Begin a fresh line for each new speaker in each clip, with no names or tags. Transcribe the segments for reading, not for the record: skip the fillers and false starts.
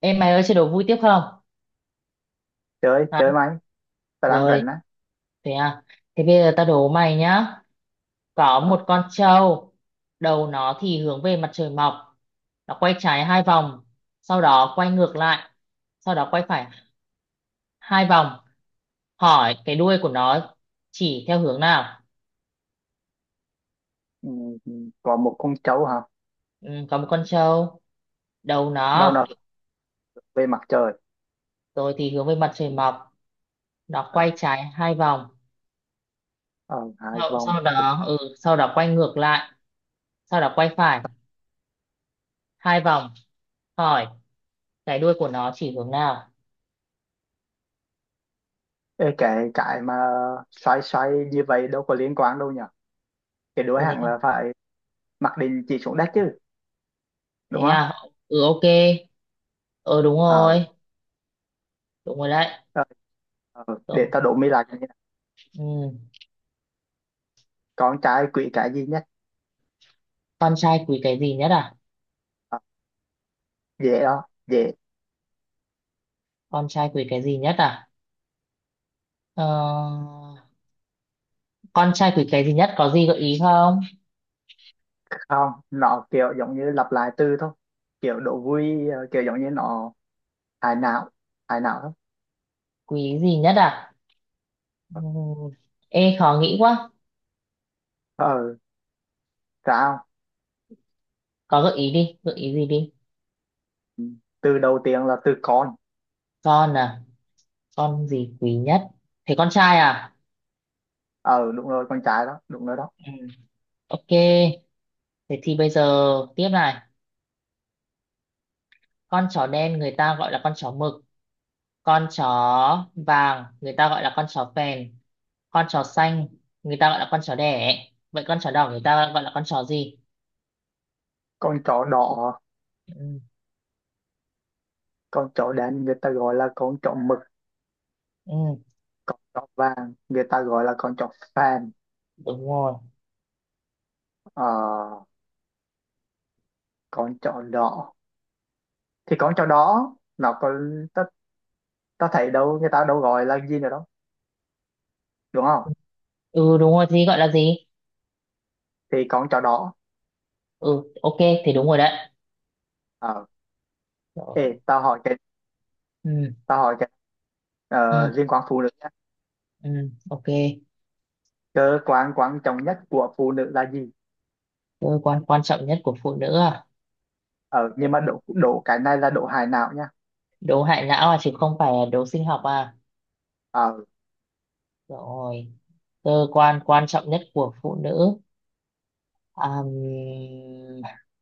Em mày ơi chơi đố vui tiếp không?
Chơi
Hả?
chơi máy, ta đang
Rồi,
rảnh á.
thế à. Thế bây giờ tao đố mày nhá. Có
ờ,
một con trâu, đầu nó thì hướng về mặt trời mọc. Nó quay trái hai vòng, sau đó quay ngược lại, sau đó quay phải hai vòng. Hỏi cái đuôi của nó chỉ theo hướng nào?
ừ, ừ, có một con trâu hả?
Ừ, có một con trâu, đầu
Đầu
nó
nó hướng về mặt trời.
rồi thì hướng về mặt trời mọc. Nó
ờ,
quay trái hai vòng,
ờ, Hai
sau,
vòng.
sau
Ok.
đó ừ, sau đó quay ngược lại, sau đó quay phải hai vòng. Hỏi cái đuôi của nó chỉ hướng nào?
Ê, cái mà xoay xoay như vậy đâu có liên quan đâu nhỉ. Cái đuôi
Ôi thế
hẳn là
à?
phải mặc định chỉ xuống đất chứ, đúng
Thế
không?
à. Ừ, ok. Ờ Đúng
ờ,
rồi, đúng rồi đấy.
ờ, ờ, để
Ừ.
tao đổ mi lại cái này.
Ừ.
Con trai quỷ cái gì nhất?
Con trai quý cái gì nhất à?
ờ, Dễ
Ừ,
đó, dễ.
con trai quý cái gì nhất à? ờ... con trai quý cái gì nhất, có gì gợi ý không?
Không, nó kiểu giống như lặp lại từ thôi, kiểu đổ vui, kiểu giống như nó hài não, hài não thôi.
Quý gì nhất à? Ừ. Ê, khó nghĩ quá.
ờ Sao?
Có gợi ý đi, gợi ý gì đi.
Ừ, từ đầu tiên là từ con.
Con à? Con gì quý nhất? Thế con trai à?
Ờ Đúng rồi, con trai đó, đúng rồi đó.
Ừ. Ok, thế thì bây giờ tiếp này. Con chó đen người ta gọi là con chó mực. Con chó vàng người ta gọi là con chó phèn. Con chó xanh người ta gọi là con chó đẻ. Vậy con chó đỏ người ta gọi là con chó gì?
Con chó đỏ.
Ừ,
Con chó đen người ta gọi là con chó mực.
ừ,
Con chó vàng người ta gọi là con chó fan.
đúng rồi.
ờ, con chó đỏ, thì con chó đỏ nó có, ta, ta thấy đâu, người ta đâu gọi là gì nữa đâu, đúng không?
Ừ, đúng rồi, gì gọi là gì?
Thì con chó đỏ.
Ừ, ok, thì đúng rồi đấy.
ờ
Rồi.
Ê, tao hỏi cái
Ừ,
tao hỏi cái
ừ,
liên quan phụ nữ nhé.
ừ, ok.
Cơ quan quan trọng nhất của phụ nữ là gì?
Cơ quan quan trọng nhất của phụ nữ à?
Ờ nhưng mà độ độ cái này là độ hài não nha.
Đố hại não à, chứ không phải là đố sinh học à?
ờ
Rồi. Cơ quan quan trọng nhất của phụ nữ. Àm,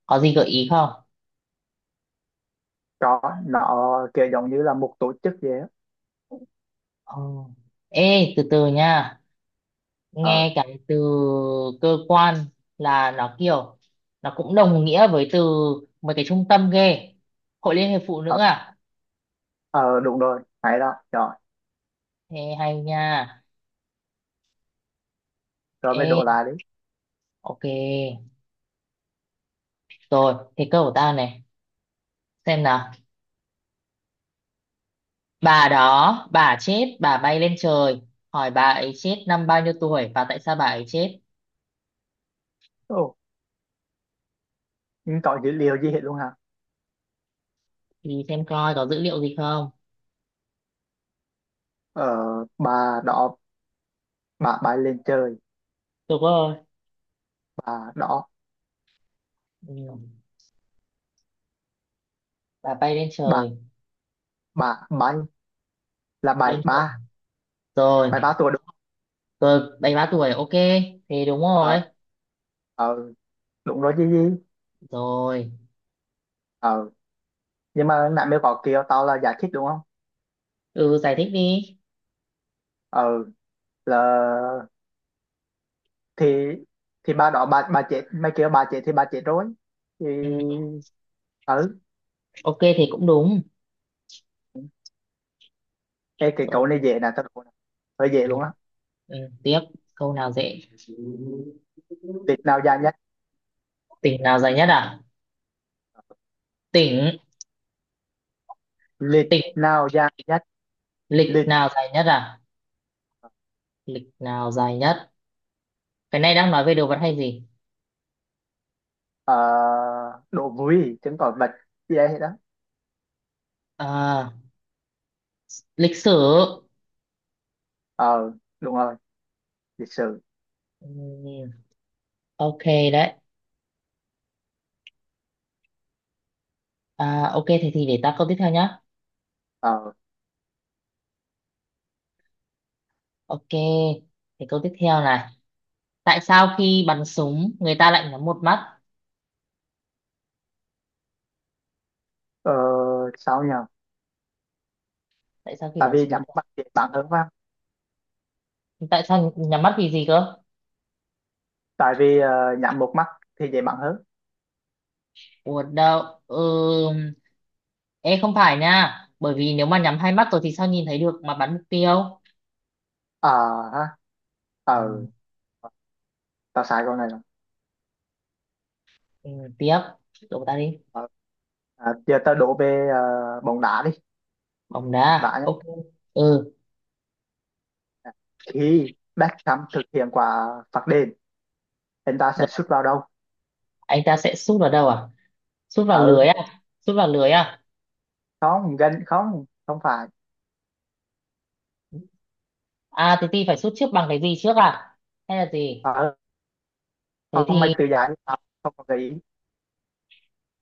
có gì gợi ý không?
Chó, nó kiểu giống như là một tổ chức vậy á.
Ờ. Ê, từ từ nha,
ờ
nghe cái từ cơ quan là nó kiểu, nó cũng đồng nghĩa với từ mấy cái trung tâm ghê. Hội liên hiệp phụ nữ
ờ,
à?
ờ Đúng rồi, hay đó, rồi.
Ê hay nha.
Rồi mới
Ê,
đổ lại đấy.
ok. Rồi, thế câu của ta này, xem nào. Bà đó, bà chết, bà bay lên trời. Hỏi bà ấy chết năm bao nhiêu tuổi và tại sao bà ấy chết?
Ồ, nhưng có dữ liệu gì hết luôn hả?
Thì xem coi có dữ liệu gì không.
ờ bà đó, bà bay lên trời.
Đúng rồi.
Bà đó,
Ừ. Bà bay lên
bà
trời,
bà bay là bảy
lên trời.
ba.
Rồi,
Bảy ba tuổi đúng không?
tôi 73 tuổi, ok. Thì đúng rồi.
ờ ờ Đúng rồi chứ gì.
Rồi,
ờ nhưng mà nãy mới có kêu tao là giải thích đúng không?
ừ, giải thích đi.
ờ là, thì thì bà đó, bà chết, mày kêu bà chết thì bà chết rồi thì.
Ừ.
Ừ.
Ok thì cũng đúng.
Ê, cái
Rồi.
câu này dễ nè, tao đố nè. Hơi dễ
Ừ.
luôn á.
Ừ. Tiếp, câu nào dễ?
Lịch nào dài nhất?
Tỉnh nào dài nhất à? Tỉnh,
Lịch
tỉnh,
nào dài nhất?
lịch
Lịch.
nào dài nhất à? Lịch nào dài nhất? Cái này đang nói về đồ vật hay gì?
Ờ, đồ vui chứng tỏi vật gì đấy đó.
À, lịch sử.
ờ Đúng rồi, lịch sử.
Ừ. Ok đấy. À, ok thì để ta câu tiếp theo nhá.
ờ
Ok. Thì câu tiếp theo này. Tại sao khi bắn súng người ta lại nhắm một mắt?
ờ, sao nhờ?
Tại sao khi
Tại
bắn
vì
súng người
nhắm một
ta...
mắt dễ bắn hơn phải không?
Tại sao nhắm mắt vì gì cơ?
Tại vì nhắm một mắt thì dễ bắn hơn.
Ủa đâu, ừ... Ê không phải nha, bởi vì nếu mà nhắm hai mắt rồi thì sao nhìn thấy được mà bắn mục tiêu.
Ờ ha
Ừ.
ờ Tao sai câu này rồi.
Ừ, tiếp, đổ ta đi.
ờ, Giờ tao đổ về bóng đá đi.
Bóng đá,
Vả nhá.
ok. Ừ,
Khi Beckham thực hiện quả phạt đền, anh ta sẽ
rồi
sút vào đâu?
anh ta sẽ sút vào đâu à? Sút vào
ờ
lưới à? Sút vào lưới à?
Không, gần không, không phải.
À thế thì phải sút trước bằng cái gì trước à, hay là gì?
ờ
thế
Không, mày
thì
tự giải. Ờ, Không có gợi ý.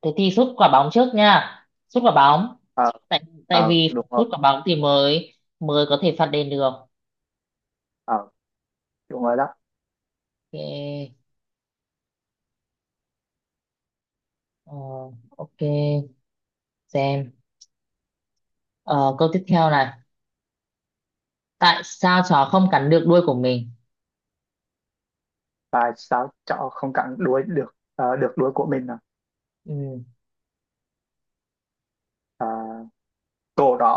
thế thì sút quả bóng trước nha. Sút quả bóng.
ờ
Tại tại
ờ
vì phải
đúng
sút
rồi.
quả bóng thì mới mới có thể phạt đền được.
ờ Đúng rồi đó.
Ok, ờ, ok, xem. Ờ, câu tiếp theo này. Tại sao chó không cắn được đuôi của mình?
Và sao cháu không cắn đuôi được được đuôi của mình à?
Ừ,
Ờ, cổ đó,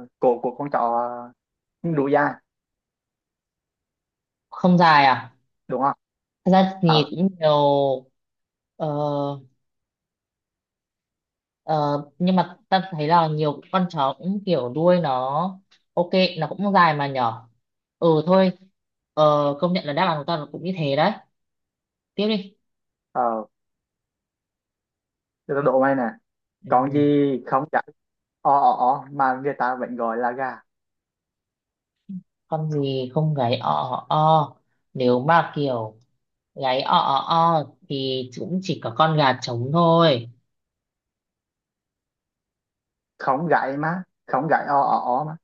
cổ của con cháu không đủ dài,
không dài à?
đúng không?
Thật ra thì
ờ
cũng nhiều. ờ, ờ, nhưng mà ta thấy là nhiều con chó cũng kiểu đuôi nó, ok, nó cũng dài mà nhỏ. Ừ thôi. ờ, Công nhận là đáp án của ta nó cũng như thế đấy. Tiếp đi.
ờ để tao đố mày nè. Con gì
Ừ.
không gãy o ó ó mà người ta vẫn gọi là gà?
Con gì không gáy o o o? Nếu mà kiểu gáy o o o thì cũng chỉ có con gà trống thôi.
Không gãy, mà không gãy o ó ó mà.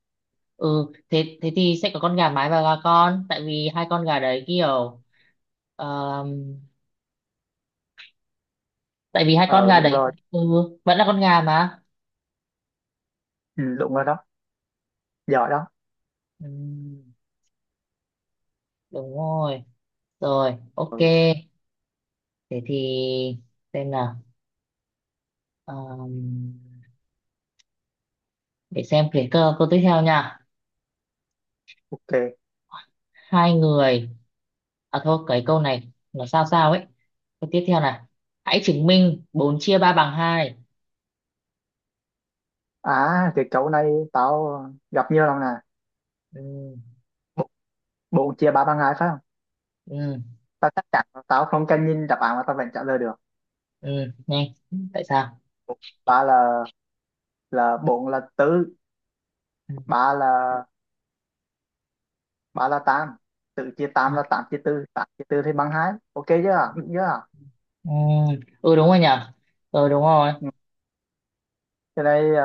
Ừ thế thế thì sẽ có con gà mái và gà con, tại vì hai con gà đấy kiểu. ờm, Tại vì hai con
Ờ
gà
Đúng
đấy
rồi.
ừ, vẫn là con gà mà.
Ừ, đúng rồi đó, giỏi đó.
Ừm, đúng rồi. Rồi, ok,
Ừ,
thế thì xem nào. Ờm, để xem câu tiếp theo nha.
ok.
Hai người À thôi, cái câu này nó sao sao ấy. Câu tiếp theo này. Hãy chứng minh 4 chia ba bằng hai.
À, cái câu này tao gặp nhiều lần nè.
Ừ,
Bốn bốn chia ba bằng hai phải không?
ừ,
Tao chắc chắn là tao không cần nhìn đáp án mà tao vẫn trả lời được.
ừ, nhanh. Tại sao?
Ba là bốn là tứ.
Ừ,
Ba là ba là tám, tự chia tám,
à,
là tám chia tư, tám chia tư thì bằng hai, ok, chưa? Được chưa?
ừ, ừ, đúng rồi nhỉ? Ừ, đúng rồi.
Ừ. Cái này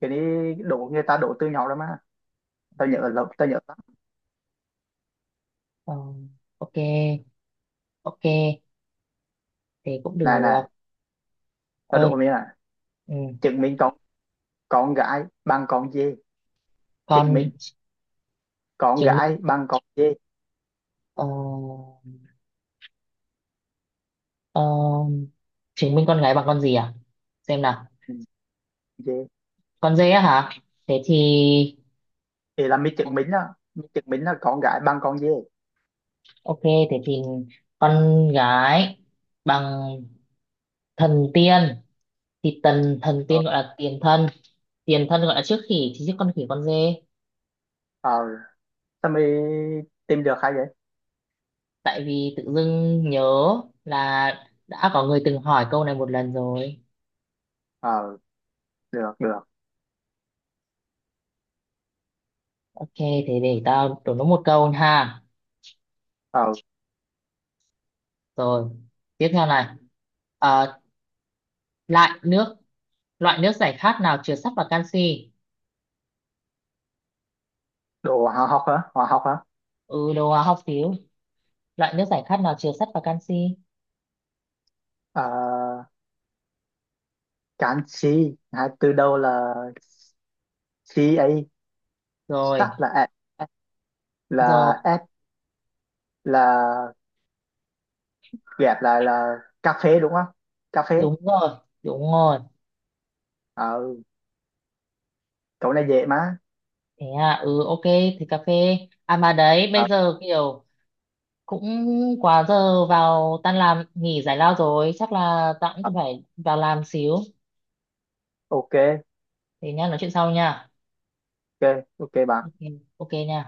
cái này đổ, người ta đổ từ nhỏ rồi mà, tao nhớ lắm, tao nhớ lắm.
Ừ, ok, ok. Thế cũng được.
Này này, tao đổ
Ơi,
mình là
ừ.
chứng minh con gái bằng con dê.
Con
Chứng minh con
chứng minh...
gái bằng con dê.
Ờ, ờ, Chứng minh con gái bằng con gì à? Xem nào.
Ừ, dê.
Con dê á hả? Thế thì...
Thì là mình chứng minh đó, mình chứng minh là con gái bằng con dê.
Ok, thế thì con gái bằng thần tiên, thì tần thần
ờ
tiên gọi là tiền thân gọi là trước khỉ, thì trước con khỉ con dê.
ờ Sao mày tìm được hay vậy?
Tại vì tự dưng nhớ là đã có người từng hỏi câu này một lần rồi.
ờ Được, được.
Ok, thế để tao đổ nó một câu ha.
ờ
Rồi, tiếp theo này. Ờ, lại nước, loại nước giải khát nào chứa sắt và canxi?
Đồ hóa học hả, hóa học hả?
Ừ, đồ hóa học xíu. Loại nước giải khát nào chứa sắt và canxi?
ờ Cán chi à, từ đầu là chi ấy.
Rồi,
Sắc là ẹ,
rồi.
là s, là, ghép lại là cà phê đúng không? Cà phê.
Đúng rồi, đúng rồi.
Ờ, cậu này dễ mà.
Thế à. Ừ, ok, thì cà phê. À mà đấy,
Ờ,
bây giờ kiểu cũng quá giờ vào tan làm nghỉ giải lao rồi, chắc là tao cũng
ờ,
cần phải vào làm xíu.
ok.
Thế nha, nói chuyện sau nha.
Ok. Ok bạn.
Ok. Ok nha.